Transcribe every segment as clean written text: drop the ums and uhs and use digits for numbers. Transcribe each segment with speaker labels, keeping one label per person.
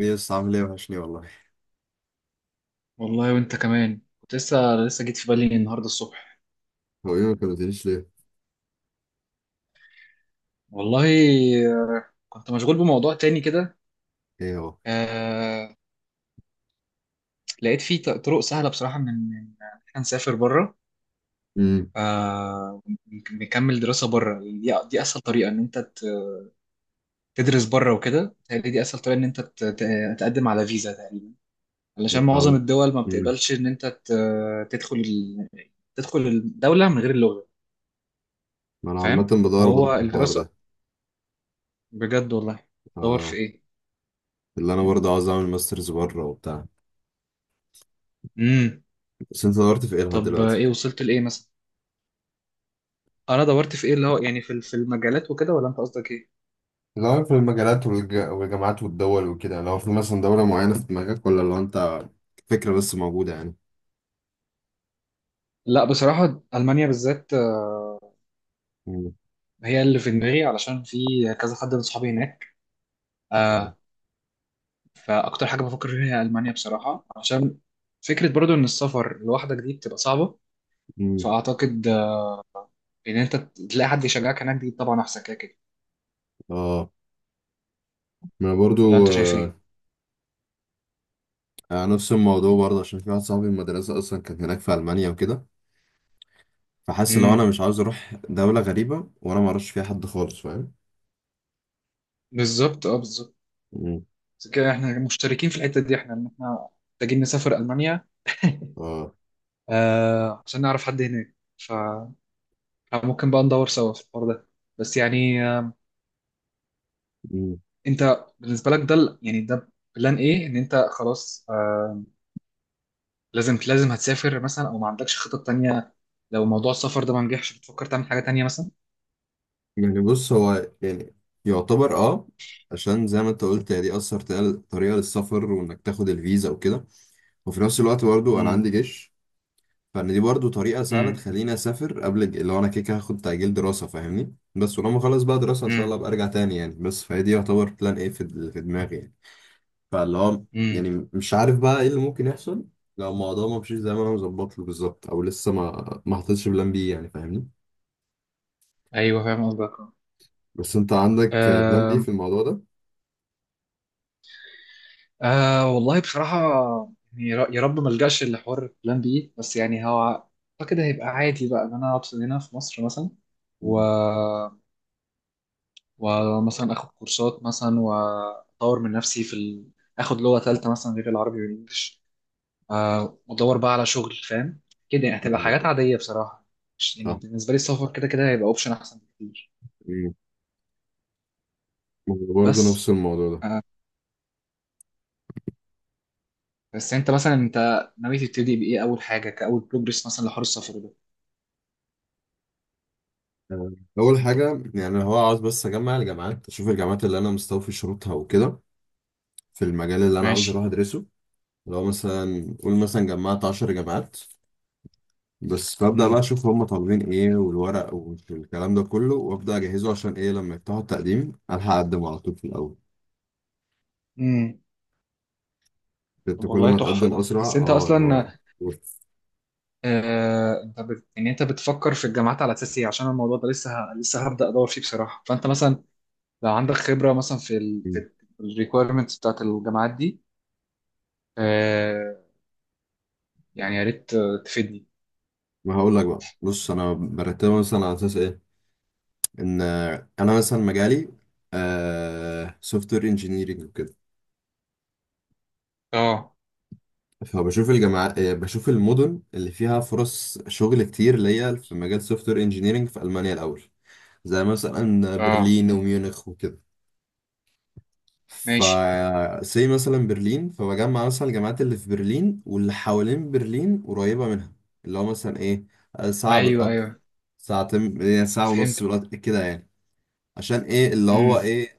Speaker 1: ايه يس، عامل ايه؟ وحش ليه والله.
Speaker 2: والله، وانت كمان كنت لسه جيت في بالي النهارده الصبح.
Speaker 1: هو ايه ما كلمتنيش ليه؟
Speaker 2: والله. آه، كنت مشغول بموضوع تاني كده.
Speaker 1: ايه هو؟
Speaker 2: آه. لقيت فيه طرق سهله بصراحه من ان احنا نسافر بره.
Speaker 1: امم
Speaker 2: آه، ونك- نكمل دراسه بره. دي اسهل طريقه ان انت تدرس بره، وكده بتهيألي دي اسهل طريقه ان انت تقدم على فيزا تقريبا، علشان معظم
Speaker 1: عم...
Speaker 2: الدول ما
Speaker 1: امم
Speaker 2: بتقبلش ان انت تدخل الدوله من غير اللغه.
Speaker 1: ما انا عامة
Speaker 2: فاهم،
Speaker 1: بدور برضه
Speaker 2: فهو
Speaker 1: في الحوار
Speaker 2: الدراسه
Speaker 1: ده.
Speaker 2: بجد والله. دور
Speaker 1: اه،
Speaker 2: في
Speaker 1: اللي انا برضه عاوز اعمل ماسترز بره وبتاع.
Speaker 2: ايه.
Speaker 1: بس انت دورت في ايه لحد
Speaker 2: طب.
Speaker 1: دلوقتي؟
Speaker 2: ايه وصلت لايه مثلا؟ انا دورت في ايه؟ اللي هو يعني في المجالات وكده، ولا انت قصدك ايه؟
Speaker 1: دور في المجالات والجامعات والدول وكده، لو في مثلا دولة معينة في دماغك، ولا لو انت فكرة بس موجودة يعني.
Speaker 2: لا، بصراحه المانيا بالذات
Speaker 1: امم
Speaker 2: هي اللي في دماغي، علشان في كذا حد من صحابي هناك. آه. فاكتر حاجه بفكر فيها هي المانيا بصراحه، عشان فكره برضو ان السفر لوحدك دي بتبقى صعبه.
Speaker 1: امم
Speaker 2: فاعتقد ان انت تلاقي حد يشجعك هناك دي طبعا احسن كده كده.
Speaker 1: اه، ما انا
Speaker 2: ولا
Speaker 1: برضه
Speaker 2: انت شايف ايه؟
Speaker 1: آه... نفس الموضوع برضه، عشان في واحد صاحبي من المدرسة اصلا كان هناك في المانيا وكده. فحاسس لو انا
Speaker 2: امم.
Speaker 1: مش عاوز اروح دولة غريبة وانا ما اعرفش فيها حد خالص، فاهم.
Speaker 2: بالظبط، اه بالظبط.
Speaker 1: مم.
Speaker 2: كده احنا مشتركين في الحته دي، احنا احنا محتاجين نسافر المانيا
Speaker 1: اه.
Speaker 2: عشان نعرف حد هناك. فممكن بقى ندور سوا في الحوار ده. بس يعني.
Speaker 1: مم.
Speaker 2: انت بالنسبة لك ده يعني ده بلان ايه؟ ان انت خلاص لازم لازم هتسافر مثلا، او ما عندكش خطط تانية؟ لو موضوع السفر ده ما نجحش، بتفكر تعمل حاجة تانية مثلا؟
Speaker 1: يعني بص، هو يعني يعتبر اه، عشان زي ما انت قلت، هي دي اثر طريقة للسفر، وانك تاخد الفيزا وكده. وفي نفس الوقت برضو انا
Speaker 2: امم.
Speaker 1: عندي جيش. فان دي برضو طريقة سهلة
Speaker 2: امم.
Speaker 1: تخليني اسافر قبل اللي هو انا كده كده هاخد تأجيل دراسة فاهمني. بس ولما اخلص بقى دراسة ان شاء
Speaker 2: امم.
Speaker 1: الله ابقى ارجع تاني يعني. بس فهي دي يعتبر بلان ايه في دماغي يعني. فاللي هو
Speaker 2: امم.
Speaker 1: يعني مش عارف بقى ايه اللي ممكن يحصل، لو الموضوع ما مشيش زي ما انا مظبط له بالظبط، او لسه ما حطيتش بلان بي يعني، فاهمني.
Speaker 2: ايوه فاهم قصدك.
Speaker 1: بس انت عندك بلان بي
Speaker 2: آه،
Speaker 1: في الموضوع ده؟
Speaker 2: آه والله بصراحة، يعني يا رب ما الجاش لحوار بلان بي. بس يعني هو اعتقد هيبقى عادي بقى ان انا اقعد هنا في مصر مثلا، و
Speaker 1: مم.
Speaker 2: ومثلا اخد كورسات مثلا، واطور من نفسي اخد لغه ثالثه مثلا غير العربي والانجليش. وادور بقى على شغل فاهم. كده يعني هتبقى حاجات عاديه بصراحه، مش يعني
Speaker 1: صح.
Speaker 2: بالنسبه لي السفر كده كده هيبقى اوبشن احسن بكتير.
Speaker 1: مم. برضه نفس
Speaker 2: بس.
Speaker 1: الموضوع ده.
Speaker 2: آه، بس انت مثلا ناوي تبتدي بايه اول حاجه، كاول بروجرس مثلا لحوار السفر ده؟
Speaker 1: آه، اول حاجه يعني، هو عاوز بس اجمع الجامعات، اشوف الجامعات اللي انا مستوفي شروطها وكده، في المجال اللي انا عاوز
Speaker 2: ماشي.
Speaker 1: اروح ادرسه. لو مثلا قول مثلا جمعت 10 جامعات بس، فابدا بقى
Speaker 2: امم.
Speaker 1: اشوف هم طالبين ايه، والورق والكلام ده كله، وابدا اجهزه عشان ايه لما يفتحوا التقديم الحق اقدم على طول في الاول.
Speaker 2: امم. طب
Speaker 1: انت كل
Speaker 2: والله
Speaker 1: ما
Speaker 2: تحفه
Speaker 1: تقدم
Speaker 2: ده.
Speaker 1: اسرع
Speaker 2: بس انت
Speaker 1: اه اللي
Speaker 2: اصلا
Speaker 1: هو. بص،
Speaker 2: يعني انت بتفكر في الجامعات على اساس ايه؟ عشان الموضوع ده لسه هبدا ادور فيه بصراحه، فانت مثلا لو عندك خبرة مثلا في الريكويرمنتس بتاعت الجامعات دي، آه يعني يا ريت تفيدني.
Speaker 1: ما هقول لك بقى، بص انا برتبها مثلا على اساس ايه. ان انا مثلا مجالي سوفت وير انجينيرنج وكده.
Speaker 2: اه.
Speaker 1: فبشوف الجامعات، بشوف المدن اللي فيها فرص شغل كتير، اللي هي في مجال سوفت وير انجينيرنج في المانيا الاول. زي مثلا
Speaker 2: اه
Speaker 1: برلين وميونخ وكده. ف
Speaker 2: ماشي.
Speaker 1: زي مثلا برلين، فبجمع مثلا الجامعات اللي في برلين واللي حوالين برلين قريبة منها، اللي هو مثلا ايه، ساعة
Speaker 2: ايوه
Speaker 1: بالقطر،
Speaker 2: ايوه،
Speaker 1: ساعتين، يعني ساعة
Speaker 2: فهمت.
Speaker 1: ونص بالقطر كده يعني. عشان ايه اللي هو
Speaker 2: امم.
Speaker 1: ايه،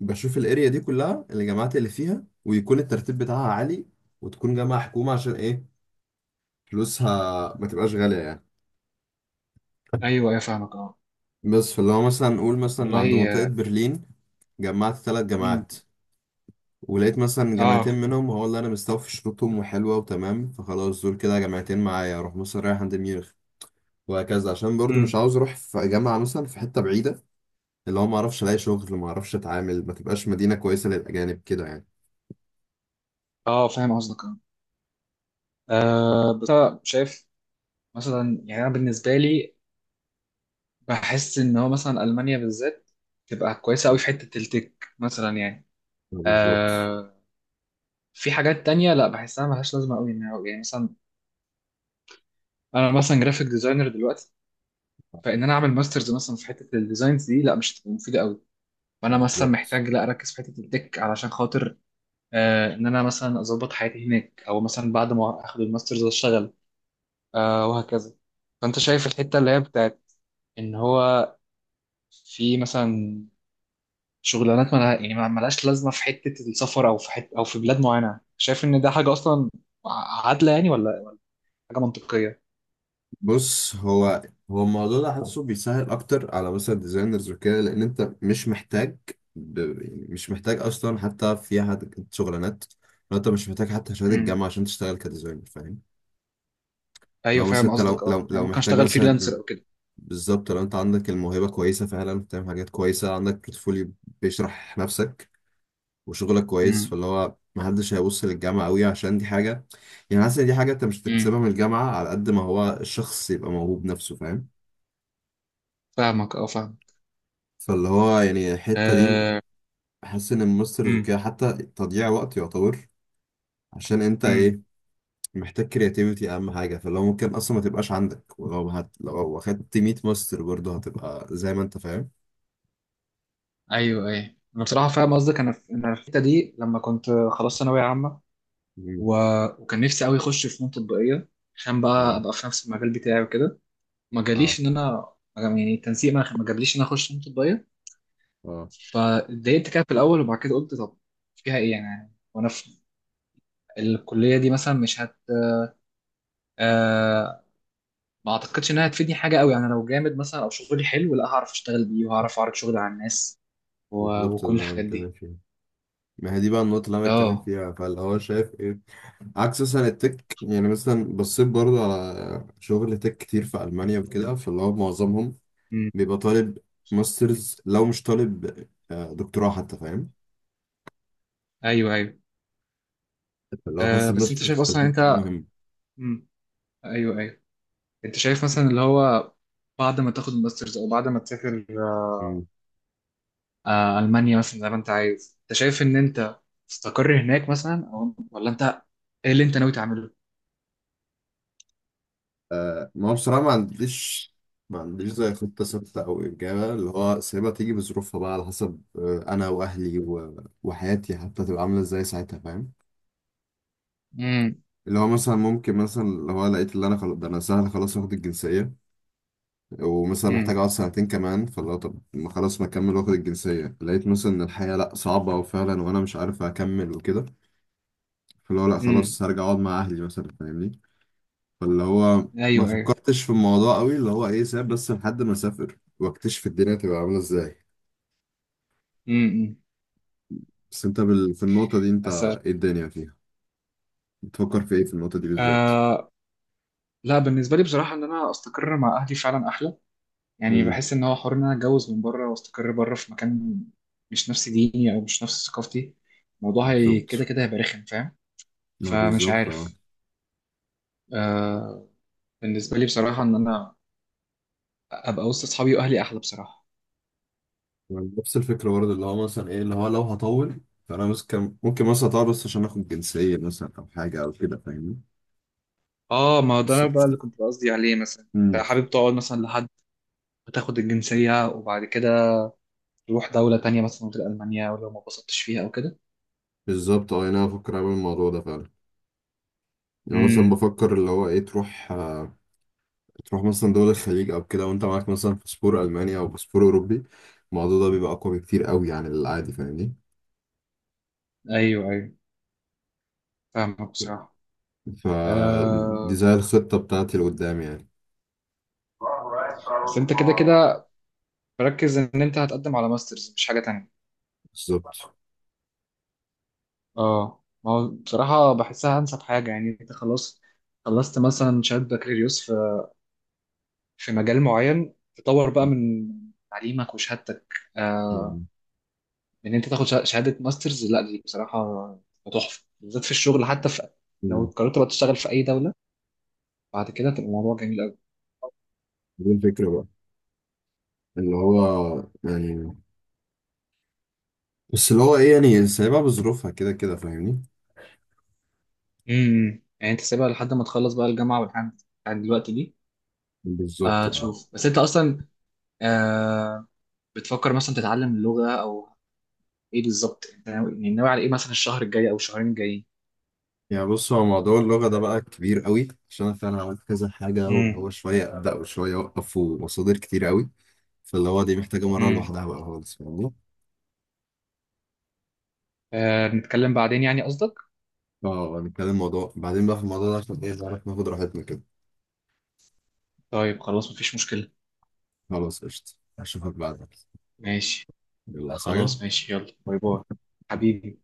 Speaker 1: بشوف الاريا دي كلها الجامعات اللي فيها، ويكون الترتيب بتاعها عالي، وتكون جامعة حكومة عشان ايه، فلوسها ما تبقاش غالية يعني.
Speaker 2: ايوه ايوه فاهمك اه.
Speaker 1: بس فاللي هو مثلا نقول
Speaker 2: طب
Speaker 1: مثلا عند منطقة
Speaker 2: والله.
Speaker 1: برلين جمعت ثلاث
Speaker 2: امم.
Speaker 1: جامعات، ولقيت مثلا جامعتين
Speaker 2: اه.
Speaker 1: منهم هو اللي انا مستوفي شروطهم وحلوه وتمام، فخلاص دول كده جامعتين معايا. اروح مثلا رايح عند ميونخ، وهكذا. عشان برضو مش
Speaker 2: امم.
Speaker 1: عاوز اروح في جامعه مثلا في حته بعيده، اللي هو ما اعرفش الاقي شغل، ما اعرفش اتعامل، ما تبقاش مدينه كويسه للاجانب كده يعني.
Speaker 2: اه فاهم قصدك اه. بس أنا شايف مثلا، يعني انا بالنسبة لي بحس ان هو مثلا المانيا بالذات تبقى كويسة قوي في حتة التك مثلا يعني.
Speaker 1: بالظبط.
Speaker 2: آه في حاجات تانية لا بحسها ملهاش لازمة قوي، يعني مثلا انا مثلا جرافيك ديزاينر دلوقتي، فان انا اعمل ماسترز مثلا في حته الديزاينز دي لا مش هتبقى مفيده قوي. فانا مثلا
Speaker 1: بالظبط.
Speaker 2: محتاج لا اركز في حته التك، علشان خاطر ان انا مثلا اظبط حياتي هناك، او مثلا بعد ما اخد الماسترز اشتغل، وهكذا. فانت شايف الحته اللي هي بتاعت ان هو في مثلا شغلانات مالها يعني مالهاش لازمه في حته السفر، او في حته، او في بلاد معينه، شايف ان ده حاجه اصلا عادله يعني، ولا حاجه منطقيه؟
Speaker 1: بص هو، الموضوع ده حاسه بيسهل اكتر على مثلا ديزاينرز وكده، لان انت مش محتاج يعني مش محتاج اصلا حتى في حد شغلانات. لو انت مش محتاج حتى شهاده
Speaker 2: امم.
Speaker 1: الجامعه عشان تشتغل كديزاينر، فاهم.
Speaker 2: ايوه
Speaker 1: لو مثلا
Speaker 2: فاهم
Speaker 1: انت لو
Speaker 2: قصدك.
Speaker 1: لو
Speaker 2: اه يعني
Speaker 1: لو
Speaker 2: ممكن
Speaker 1: محتاج
Speaker 2: اشتغل فريلانسر
Speaker 1: مثلا،
Speaker 2: او كده.
Speaker 1: بالظبط، لو انت عندك الموهبة كويسة فعلا، بتعمل حاجات كويسة، عندك بورتفوليو بيشرح نفسك وشغلك كويس،
Speaker 2: امم.
Speaker 1: فاللي هو محدش هيبص للجامعة قوي، عشان دي حاجة، يعني حاسس ان دي حاجة انت مش هتكتسبها
Speaker 2: امم
Speaker 1: من الجامعة على قد ما هو الشخص يبقى موهوب نفسه، فاهم.
Speaker 2: فاهمك اه فاهم.
Speaker 1: فاللي هو يعني الحتة دي
Speaker 2: آه.
Speaker 1: حاسس ان الماسترز
Speaker 2: امم.
Speaker 1: وكده حتى تضييع وقت يعتبر، عشان انت
Speaker 2: امم.
Speaker 1: ايه، محتاج كرياتيفيتي اهم حاجة. فاللي هو ممكن اصلا ما تبقاش عندك، ولو لو اخدت 100 ماستر برضه هتبقى زي ما انت فاهم.
Speaker 2: ايوه ايوه، انا بصراحه فاهم قصدك. انا في الحته دي لما كنت خلاص ثانويه عامه، و... وكان نفسي قوي اخش فنون تطبيقيه عشان بقى
Speaker 1: اه.
Speaker 2: ابقى في نفس المجال بتاعي وكده. ما
Speaker 1: اه.
Speaker 2: جاليش ان انا يعني، التنسيق ما جابليش ان انا اخش فنون تطبيقيه.
Speaker 1: اه،
Speaker 2: فاتضايقت كده في الاول، وبعد كده قلت طب فيها ايه يعني، وانا في الكليه دي مثلا مش هت آه ما اعتقدش انها هتفيدني حاجه قوي، يعني لو جامد مثلا او شغلي حلو لا هعرف اشتغل بيه وهعرف اعرض شغلي على الناس
Speaker 1: بالظبط ده
Speaker 2: وكل
Speaker 1: اللي انا
Speaker 2: الحاجات
Speaker 1: بتكلم
Speaker 2: دي.
Speaker 1: فيه. ما هي دي بقى النقطة اللي انا بتكلم
Speaker 2: اه.
Speaker 1: فيها، فاللي هو شايف ايه عكس مثلا التك. يعني مثلا بصيت برضو على شغل تك كتير في ألمانيا وكده، فاللي هو معظمهم
Speaker 2: مم.
Speaker 1: بيبقى طالب ماسترز، لو مش طالب دكتوراه حتى، فاهم.
Speaker 2: ايوه ايوه.
Speaker 1: فاللي هو حاسس
Speaker 2: بس انت
Speaker 1: الماسترز
Speaker 2: شايف
Speaker 1: في
Speaker 2: اصلا،
Speaker 1: الحتة دي
Speaker 2: انت.
Speaker 1: مهمة.
Speaker 2: مم. ايوه ايوه. انت شايف مثلا اللي هو بعد ما تاخد الماسترز او بعد ما تسافر.
Speaker 1: مم.
Speaker 2: آه، المانيا مثلا زي ما انت عايز، انت شايف ان انت تستقر هناك مثلا، او ولا انت ايه اللي انت ناوي تعمله؟
Speaker 1: آه، ما هو بصراحة ما عنديش، ما عنديش زي خطة ثابتة أو إجابة. اللي هو سايبها تيجي بظروفها بقى، على حسب أنا وأهلي وحياتي حتى تبقى عاملة إزاي ساعتها، فاهم.
Speaker 2: امم.
Speaker 1: اللي هو مثلا ممكن مثلا اللي هو لقيت اللي انا خلاص ده انا سهل خلاص واخد الجنسية، ومثلا محتاج
Speaker 2: امم.
Speaker 1: اقعد سنتين كمان، فاللي هو طب ما خلاص ما اكمل واخد الجنسية. لقيت مثلا ان الحياة لا صعبة وفعلا وانا مش عارف اكمل وكده، فاللي هو لا
Speaker 2: امم.
Speaker 1: خلاص هرجع اقعد مع اهلي مثلا، فاهمني. فاللي هو ما
Speaker 2: ايوه ايوه.
Speaker 1: فكرتش في الموضوع قوي اللي هو ايه، ساب بس لحد ما اسافر واكتشف الدنيا تبقى عاملة ازاي.
Speaker 2: امم.
Speaker 1: بس انت في النقطة دي انت
Speaker 2: بس.
Speaker 1: ايه الدنيا فيها، بتفكر في ايه في النقطة دي بالذات؟
Speaker 2: آه لا، بالنسبه لي بصراحه ان انا استقر مع اهلي فعلا احلى. يعني
Speaker 1: امم
Speaker 2: بحس ان هو حوار ان انا اتجوز من بره واستقر بره في مكان مش نفس ديني او مش نفس ثقافتي، الموضوع هي كده
Speaker 1: بالظبط،
Speaker 2: كده هيبقى رخم فاهم.
Speaker 1: ما
Speaker 2: فمش
Speaker 1: بالظبط اه.
Speaker 2: عارف. آه بالنسبه لي بصراحه ان انا ابقى وسط اصحابي واهلي احلى بصراحه.
Speaker 1: نفس الفكرة برضه، اللي هو مثلا ايه اللي هو لو هطول، فانا بس كان ممكن مثلا اطول بس عشان اخد جنسية مثلا او حاجة او كده، فاهمني.
Speaker 2: اه، ما هو ده
Speaker 1: صح.
Speaker 2: بقى اللي كنت قصدي عليه مثلا.
Speaker 1: امم
Speaker 2: انت حابب تقعد مثلا لحد ما تاخد الجنسيه، وبعد كده تروح دوله تانية مثلا غير المانيا، ولو ما اتبسطتش فيها او كده؟
Speaker 1: بالظبط اه، يعني انا بفكر اعمل الموضوع ده فعلا. يعني مثلا
Speaker 2: امم.
Speaker 1: بفكر اللي هو ايه تروح تروح مثلا دول الخليج او كده، وانت معاك مثلا باسبور الماني او باسبور اوروبي، الموضوع ده بيبقى اقوى بكتير قوي عن العادي، فاهمني.
Speaker 2: ايوه ايوه فاهمك بصراحه.
Speaker 1: فدي
Speaker 2: آه
Speaker 1: زي الخطة بتاعتي لقدام يعني.
Speaker 2: بس انت كده كده مركز ان انت هتقدم على ماسترز مش حاجه تانية؟
Speaker 1: بالظبط.
Speaker 2: اه، ما هو بصراحة بحسها أنسب حاجة، يعني أنت خلاص، خلصت مثلا شهادة بكالوريوس في مجال معين، تطور بقى من تعليمك وشهادتك،
Speaker 1: أمم.
Speaker 2: إن أنت تاخد شهادة ماسترز لا دي بصراحة تحفة، بالذات في الشغل، حتى لو قررت بقى تشتغل في أي دولة بعد كده تبقى الموضوع جميل أوي.
Speaker 1: دي الفكرة بقى، اللي هو يعني، بس اللي هو ايه، يعني سايبها بظروفها كده كده، فاهمني.
Speaker 2: امم. يعني أنت سيبها لحد ما تخلص بقى الجامعة والحاجات بتاعت دلوقتي دي.
Speaker 1: بالظبط اه.
Speaker 2: تشوف، بس أنت أصلا آه بتفكر مثلا تتعلم اللغة أو ايه بالظبط؟ انت ناوي، يعني ناوي على ايه مثلا الشهر الجاي او الشهرين الجايين؟
Speaker 1: يعني بص، هو موضوع اللغة ده بقى كبير قوي، عشان انا فعلا عملت كذا حاجة، واللي
Speaker 2: امم.
Speaker 1: هو شوية ابدأ وشوية اوقف، ومصادر كتير قوي، فاللي هو دي محتاجة مرة
Speaker 2: امم.
Speaker 1: لوحدها بقى خالص، فاهمني.
Speaker 2: آه، نتكلم بعدين يعني قصدك؟
Speaker 1: اه هنتكلم موضوع بعدين بقى في الموضوع ده، عشان ايه نعرف ناخد راحتنا كده.
Speaker 2: طيب خلاص مفيش مشكلة.
Speaker 1: خلاص قشطة، اشوفك بعدين.
Speaker 2: ماشي.
Speaker 1: يلا عايز
Speaker 2: خلاص
Speaker 1: حاجة؟
Speaker 2: ماشي، يلا، باي باي حبيبي.